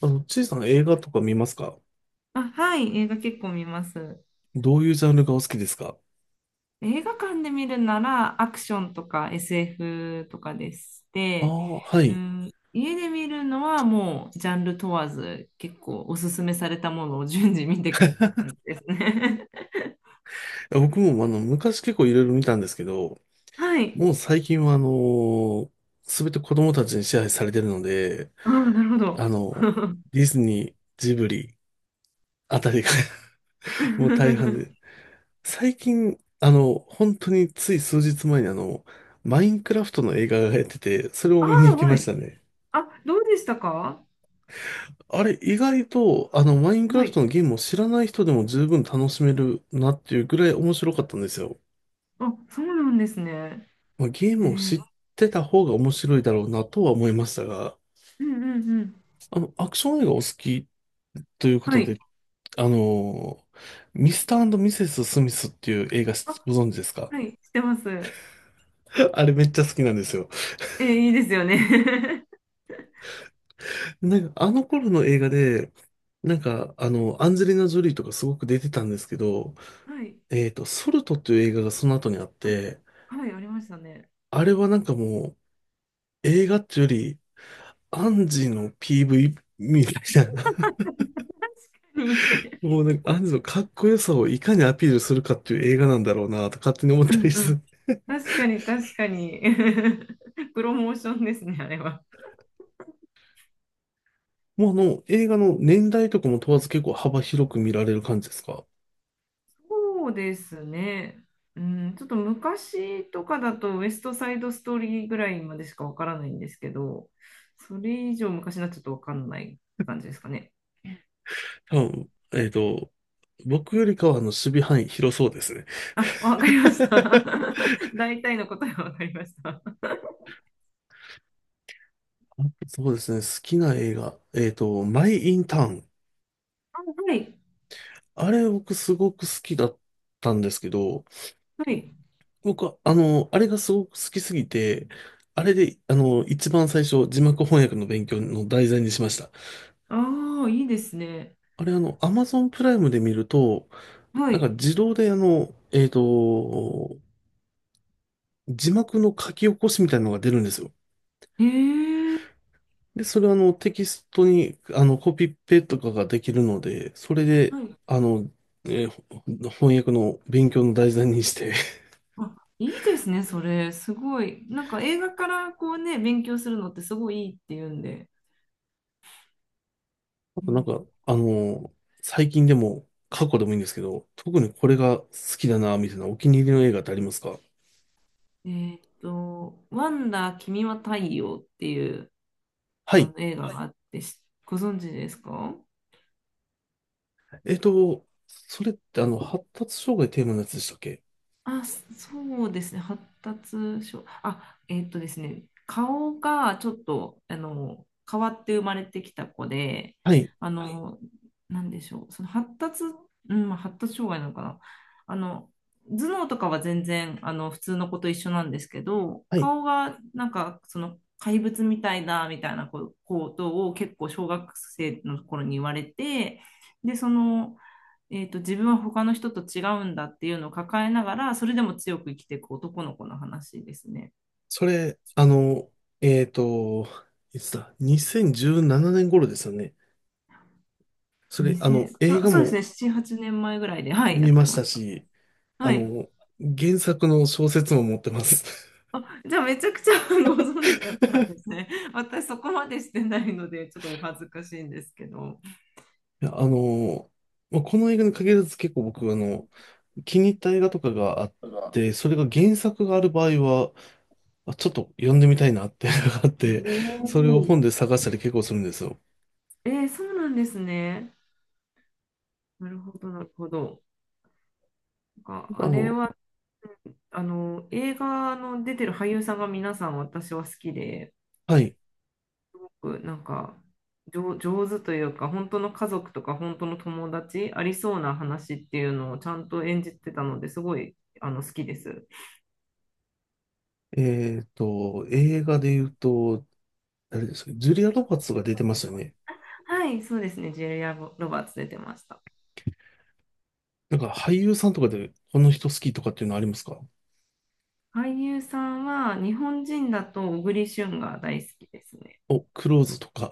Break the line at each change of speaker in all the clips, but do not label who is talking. ちいさん、映画とか見ますか？
あ、はい、映画結構見ます。
どういうジャンルがお好きですか？
映画館で見るならアクションとか SF とかでし
ああ
て、
ー、はい。
う
い
ん、家で見るのはもうジャンル問わず結構おすすめされたものを順次見ていくって感じですね。
や、僕も昔結構いろいろ見たんですけど、
はい。
もう最近はすべて子供たちに支配されてるので、
ああ、なるほ
あ
ど。
の、ディズニー、ジブリあたりが もう大半で、最近、本当につい数日前にマインクラフトの映画がやってて、それを
あ
見に行
あ、
き
は
ま
い。
したね。
あ、どうでしたか？
あれ、意外と、マインクラ
は
フト
い。
のゲームを知らない人でも十分楽しめるなっていうぐらい面白かったんですよ。
あ、そうなんですね。
まあ、ゲー
え
ムを
ー、
知ってた方が面白いだろうなとは思いましたが、
うんうんうん。
アクション映画お好きというこ
は
と
い。
で、あの、ミスターミセス・スミスっていう映画し
あ、
ご存知ですか？
はい、してます。
あれめっちゃ好きなんですよ。
いいですよね。
なんか、あの頃の映画で、なんか、アンジェリーナ・ジョリーとかすごく出てたんですけど、
はい。
ソルトっていう映画がその後にあって、
はい、ありましたね。
あれはなんかもう、映画っていうより、アンジの PV みたいな、
に
もうなんかアンジのかっこよさをいかにアピールするかっていう映画なんだろうなと勝手に思っ
う
たり
んう
す
ん。
る。
確かに、確かに。プロモーションですね、あれは。
もう映画の年代とかも問わず結構幅広く見られる感じですか？
そうですね。うん、ちょっと昔とかだと、ウエストサイドストーリーぐらいまでしかわからないんですけど、それ以上昔になっちゃうとわかんないって感じ ですかね。
多分、僕よりかは守備範囲広そうですね。
あ、わかりました。大体の答えはわかりました。あ、
そうですね。好きな映画。マイ・イン・ターン。
はい、
あれ僕すごく好きだったんですけど、
はい。
僕は、あれがすごく好きすぎて、あれで、一番最初、字幕翻訳の勉強の題材にしました。
ああ、いいですね。
あれ、アマゾンプライムで見ると、
は
なんか
い。
自動で、字幕の書き起こしみたいなのが出るんですよ。
ええ、
で、それはあのテキストにコピペとかができるので、それで、
はい。
あの、えーほ翻訳の勉強の題材にして、
あ、いいですね、それ。すごい。なんか映画からこうね、勉強するのってすごいいいって言うんで。
あ
う
となん
ん。
か、最近でも過去でもいいんですけど、特にこれが好きだな、みたいなお気に入りの映画ってありますか？
ワンダー君は太陽っていう
は
あ
い。
の映画はいがあって、しご存知ですか？
それって発達障害テーマのやつでしたっけ？
あ、そうですね。発達症。あ、ですね。顔がちょっと、変わって生まれてきた子で、
はい。
あはい。の、なんでしょう。その発達、うん、まあ発達障害なのかな。あの、頭脳とかは全然、普通の子と一緒なんですけど、
はい。
顔が、なんか、その、怪物みたいだ、みたいなこことを結構小学生の頃に言われて、で、その、自分は他の人と違うんだっていうのを抱えながら、それでも強く生きていく男の子の話ですね。
それ、えっと、いつだ？ 2017 年頃ですよね。それ、
2 0
映
た、
画
そう
も
ですね、7、8年前ぐらいで、はい、や
見
って
まし
ま
た
した。
し、あ
はい。
の、原作の小説も持ってます。
あ、じゃあめちゃくちゃ ご存知だったんです ね。私そこまでしてないので、ちょっとお恥ずかしいんですけど。
いや、まあこの映画に限らず結構僕、気に入った映画とかがあっ
だから
て、それが原作がある場合は、あちょっと読んでみたいなっていうのがあっ
お
て、それを本
ー
で探したり結構するんですよ。
えー、そうなんですね。なるほど、なるほど。なんか
あ
あれ
の、
は、あの、映画の出てる俳優さんが皆さん私は好きで、
はい。
ごくなんか上手というか、本当の家族とか本当の友達、ありそうな話っていうのをちゃんと演じてたのですごい好きです。
映画で言うと、誰ですか、ジュリア・ロバーツが出てましたよね。
はい、そうですね。ジェリア・ロバーツ出てました。
なんか俳優さんとかでこの人好きとかっていうのありますか？
俳優さんは日本人だと小栗旬が大好きですね。
お、クローズとか。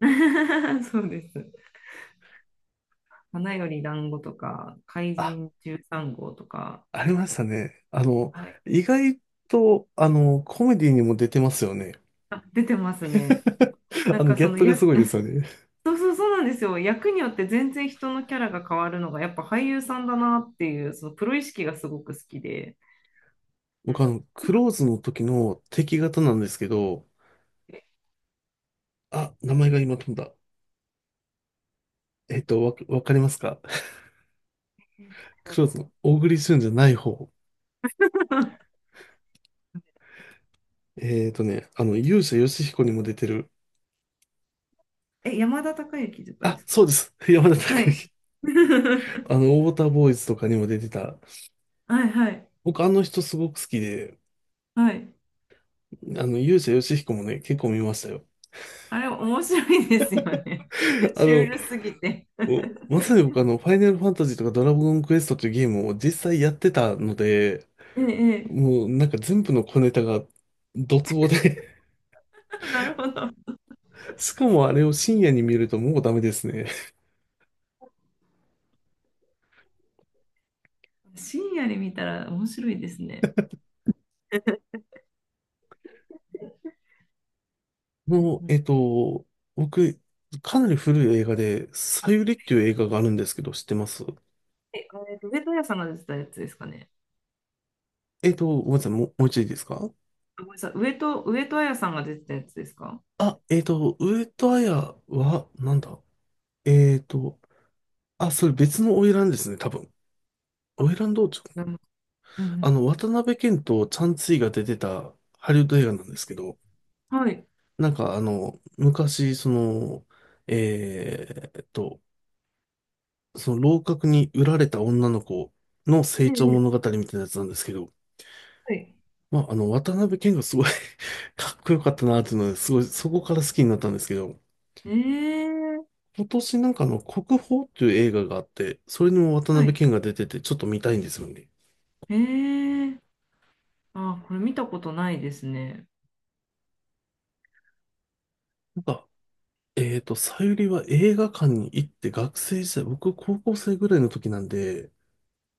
そうです。花より団子とか、怪
あ
人13号とか、
ありましたね。
はい、
意外と、コメディにも出てますよね。
あ、出てますね。なんか
ギ
そ
ャッ
の
プがす
役
ごいですよね。
そうそうそうなんですよ。役によって全然人のキャラが変わるのが、やっぱ俳優さんだなっていう、そのプロ意識がすごく好きで。う
僕、
ん。そう
ク
なん
ローズの時の敵方なんですけど、
です。
あ、名前が今飛んだ。わかりますか？
えー誰だ
クロー
ろ
ズの大栗旬じゃない方。
う。
勇者ヨシヒコにも出てる。
え、山田孝之とかで
あ、
すか？
そうです。山田
は
孝
い。
之。ウォーターボーイズとかにも出てた。
はいはい
僕、あの人すごく好きで、
はい。
勇者ヨシヒコもね、結構見ましたよ。
あれ、面白いですよね。
あ
シュー
の、
ルすぎて。
お、まさに僕ファイナルファンタジーとかドラゴンクエストっていうゲームを実際やってたので、
ええ、え
もうなんか全部の小ネタがドツボで
え なるほど。
しかもあれを深夜に見るともうダメですね。
深夜に見たら面白いですね。うん
もう、
うん。
僕、かなり古い映画で、サユリっていう映画があるんですけど、知ってます？
え、あれ、上戸彩さんが出てたやつですかね？
ごめんなさい、もう一度いいですか？
あごめんなさい。上戸彩さんが出てたやつですか？
あ、上戸彩は、なんだ、えっと、あ、それ別の花魁ですね、多分。花
あ、
魁道、
うん
渡辺謙とチャン・ツイが出てたハリウッド映画なんですけど、
うん、はい。
なんか昔、その、えーっと、その楼閣に売られた女の子の成
え
長
え、
物語みたいなやつなんですけど、
はい。
まあ、渡辺謙がすごい かっこよかったなっていうので、すごい、そこから好きになったんですけど、
ええ、
今年なんか国宝っていう映画があって、それにも渡
は
辺
い。
謙が出てて、ちょっと見たいんですよね。
ええ、あ、これ見たことないですね。
なんか、さゆりは映画館に行って学生時代、僕高校生ぐらいの時なんで、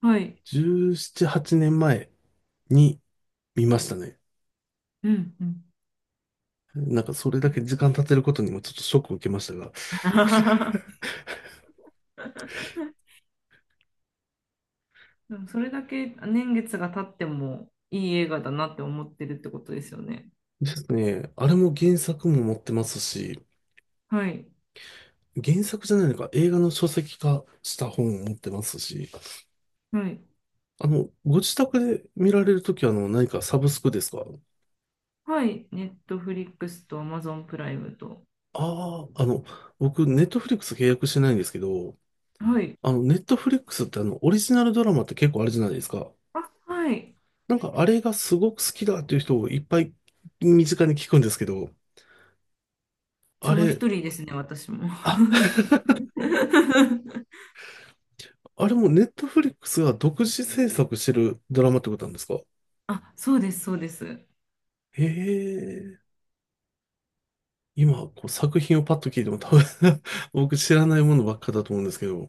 はい。
17、8年前に見ましたね。
うんうん。
なんかそれだけ時間経てることにもちょっとショックを受けましたが。
でもそれだけ年月が経ってもいい映画だなって思ってるってことですよね。
ですね、あれも原作も持ってますし、
はい。
原作じゃないのか、映画の書籍化した本を持ってますし、
はい。
ご自宅で見られるときは、何かサブスクですか？
はい。ネットフリックスとアマゾンプライムと。
ああー、僕、ネットフリックス契約してないんですけど、
はい。
ネットフリックスってオリジナルドラマって結構あるじゃないですか。
あ、はい。
なんかあれがすごく好きだっていう人をいっぱい身近に聞くんですけど、
そ
あ
の一
れ、
人ですね、私も。
あ、あれもネットフリックスが独自制作してるドラマってことなんですか？
あ、そうです、そうです。
へえ、今、こう作品をパッと聞いても多分 僕知らないものばっかだと思うんですけど、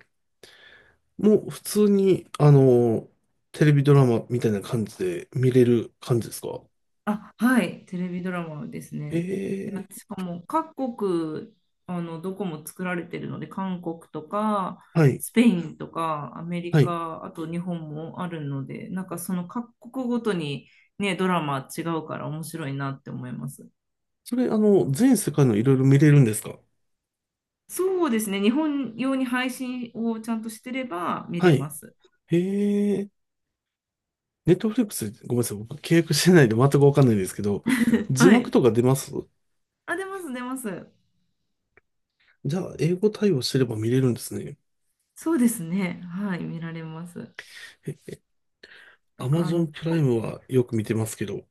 もう普通に、テレビドラマみたいな感じで見れる感じですか？
あ、はい、テレビドラマです
へ
ね。で、
え、
しかも各国、あの、どこも作られてるので、韓国とか、
はい、
スペインとか、アメリ
はい。
カ、あと日本もあるので、なんかその各国ごとにね、ドラマ違うから面白いなって思います。
それ、全世界のいろいろ見れるんですか？
そうですね、日本用に配信をちゃんとしてれば見
は
れま
い。
す。
へえ。ネットフリックス、ごめんなさい。僕契約してないんで全くわかんないんですけど、字
は
幕
い。
とか出ます？
あ、出ます、出ます。
じゃあ、英語対応してれば見れるんですね。
そうですね。はい、見られます。
え、
なんかあ
Amazon
の、
プライムはよく見てますけど、い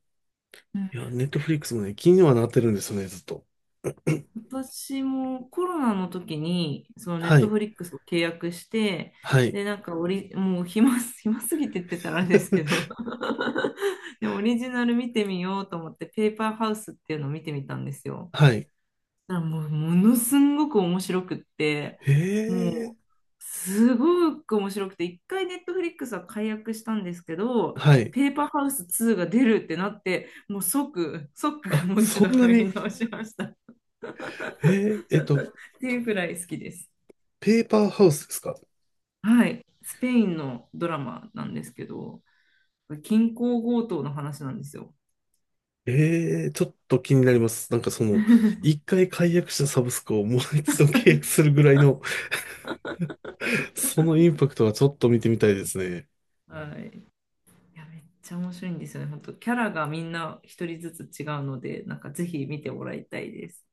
うん
や、ネットフリックスもね、気にはなってるんですよね、ずっと。
私もコロナの時に、そのネッ
は
ト
い。
フリックスを契約して、
はい。
で、なんかオリ、もう暇すぎてって言ってたらあれですけど で、オリジナル見てみようと思って、ペーパーハウスっていうのを見てみたんですよ。
はい。
だからもう、ものすんごく面白くって、
へえ。
もう、すごく面白くて、一回ネットフリックスは解約したんですけど、
はい。
ペーパーハウス2が出るってなって、もう即、即
あ、
もう一
そ
度
んな
入
に、
り直しました。っ
へえ、
ていうくらい好きです。
ペーパーハウスですか？
はい、スペインのドラマなんですけど、銀行強盗の話なんですよ。
ええ、ちょっと気になります。なんかその、一回解約したサブスクをもう一度契約するぐらいのそのインパクトはちょっと見てみたいですね。
はい、いやめっちゃ面白いんですよね、本当。キャラがみんな一人ずつ違うので、なんかぜひ見てもらいたいです。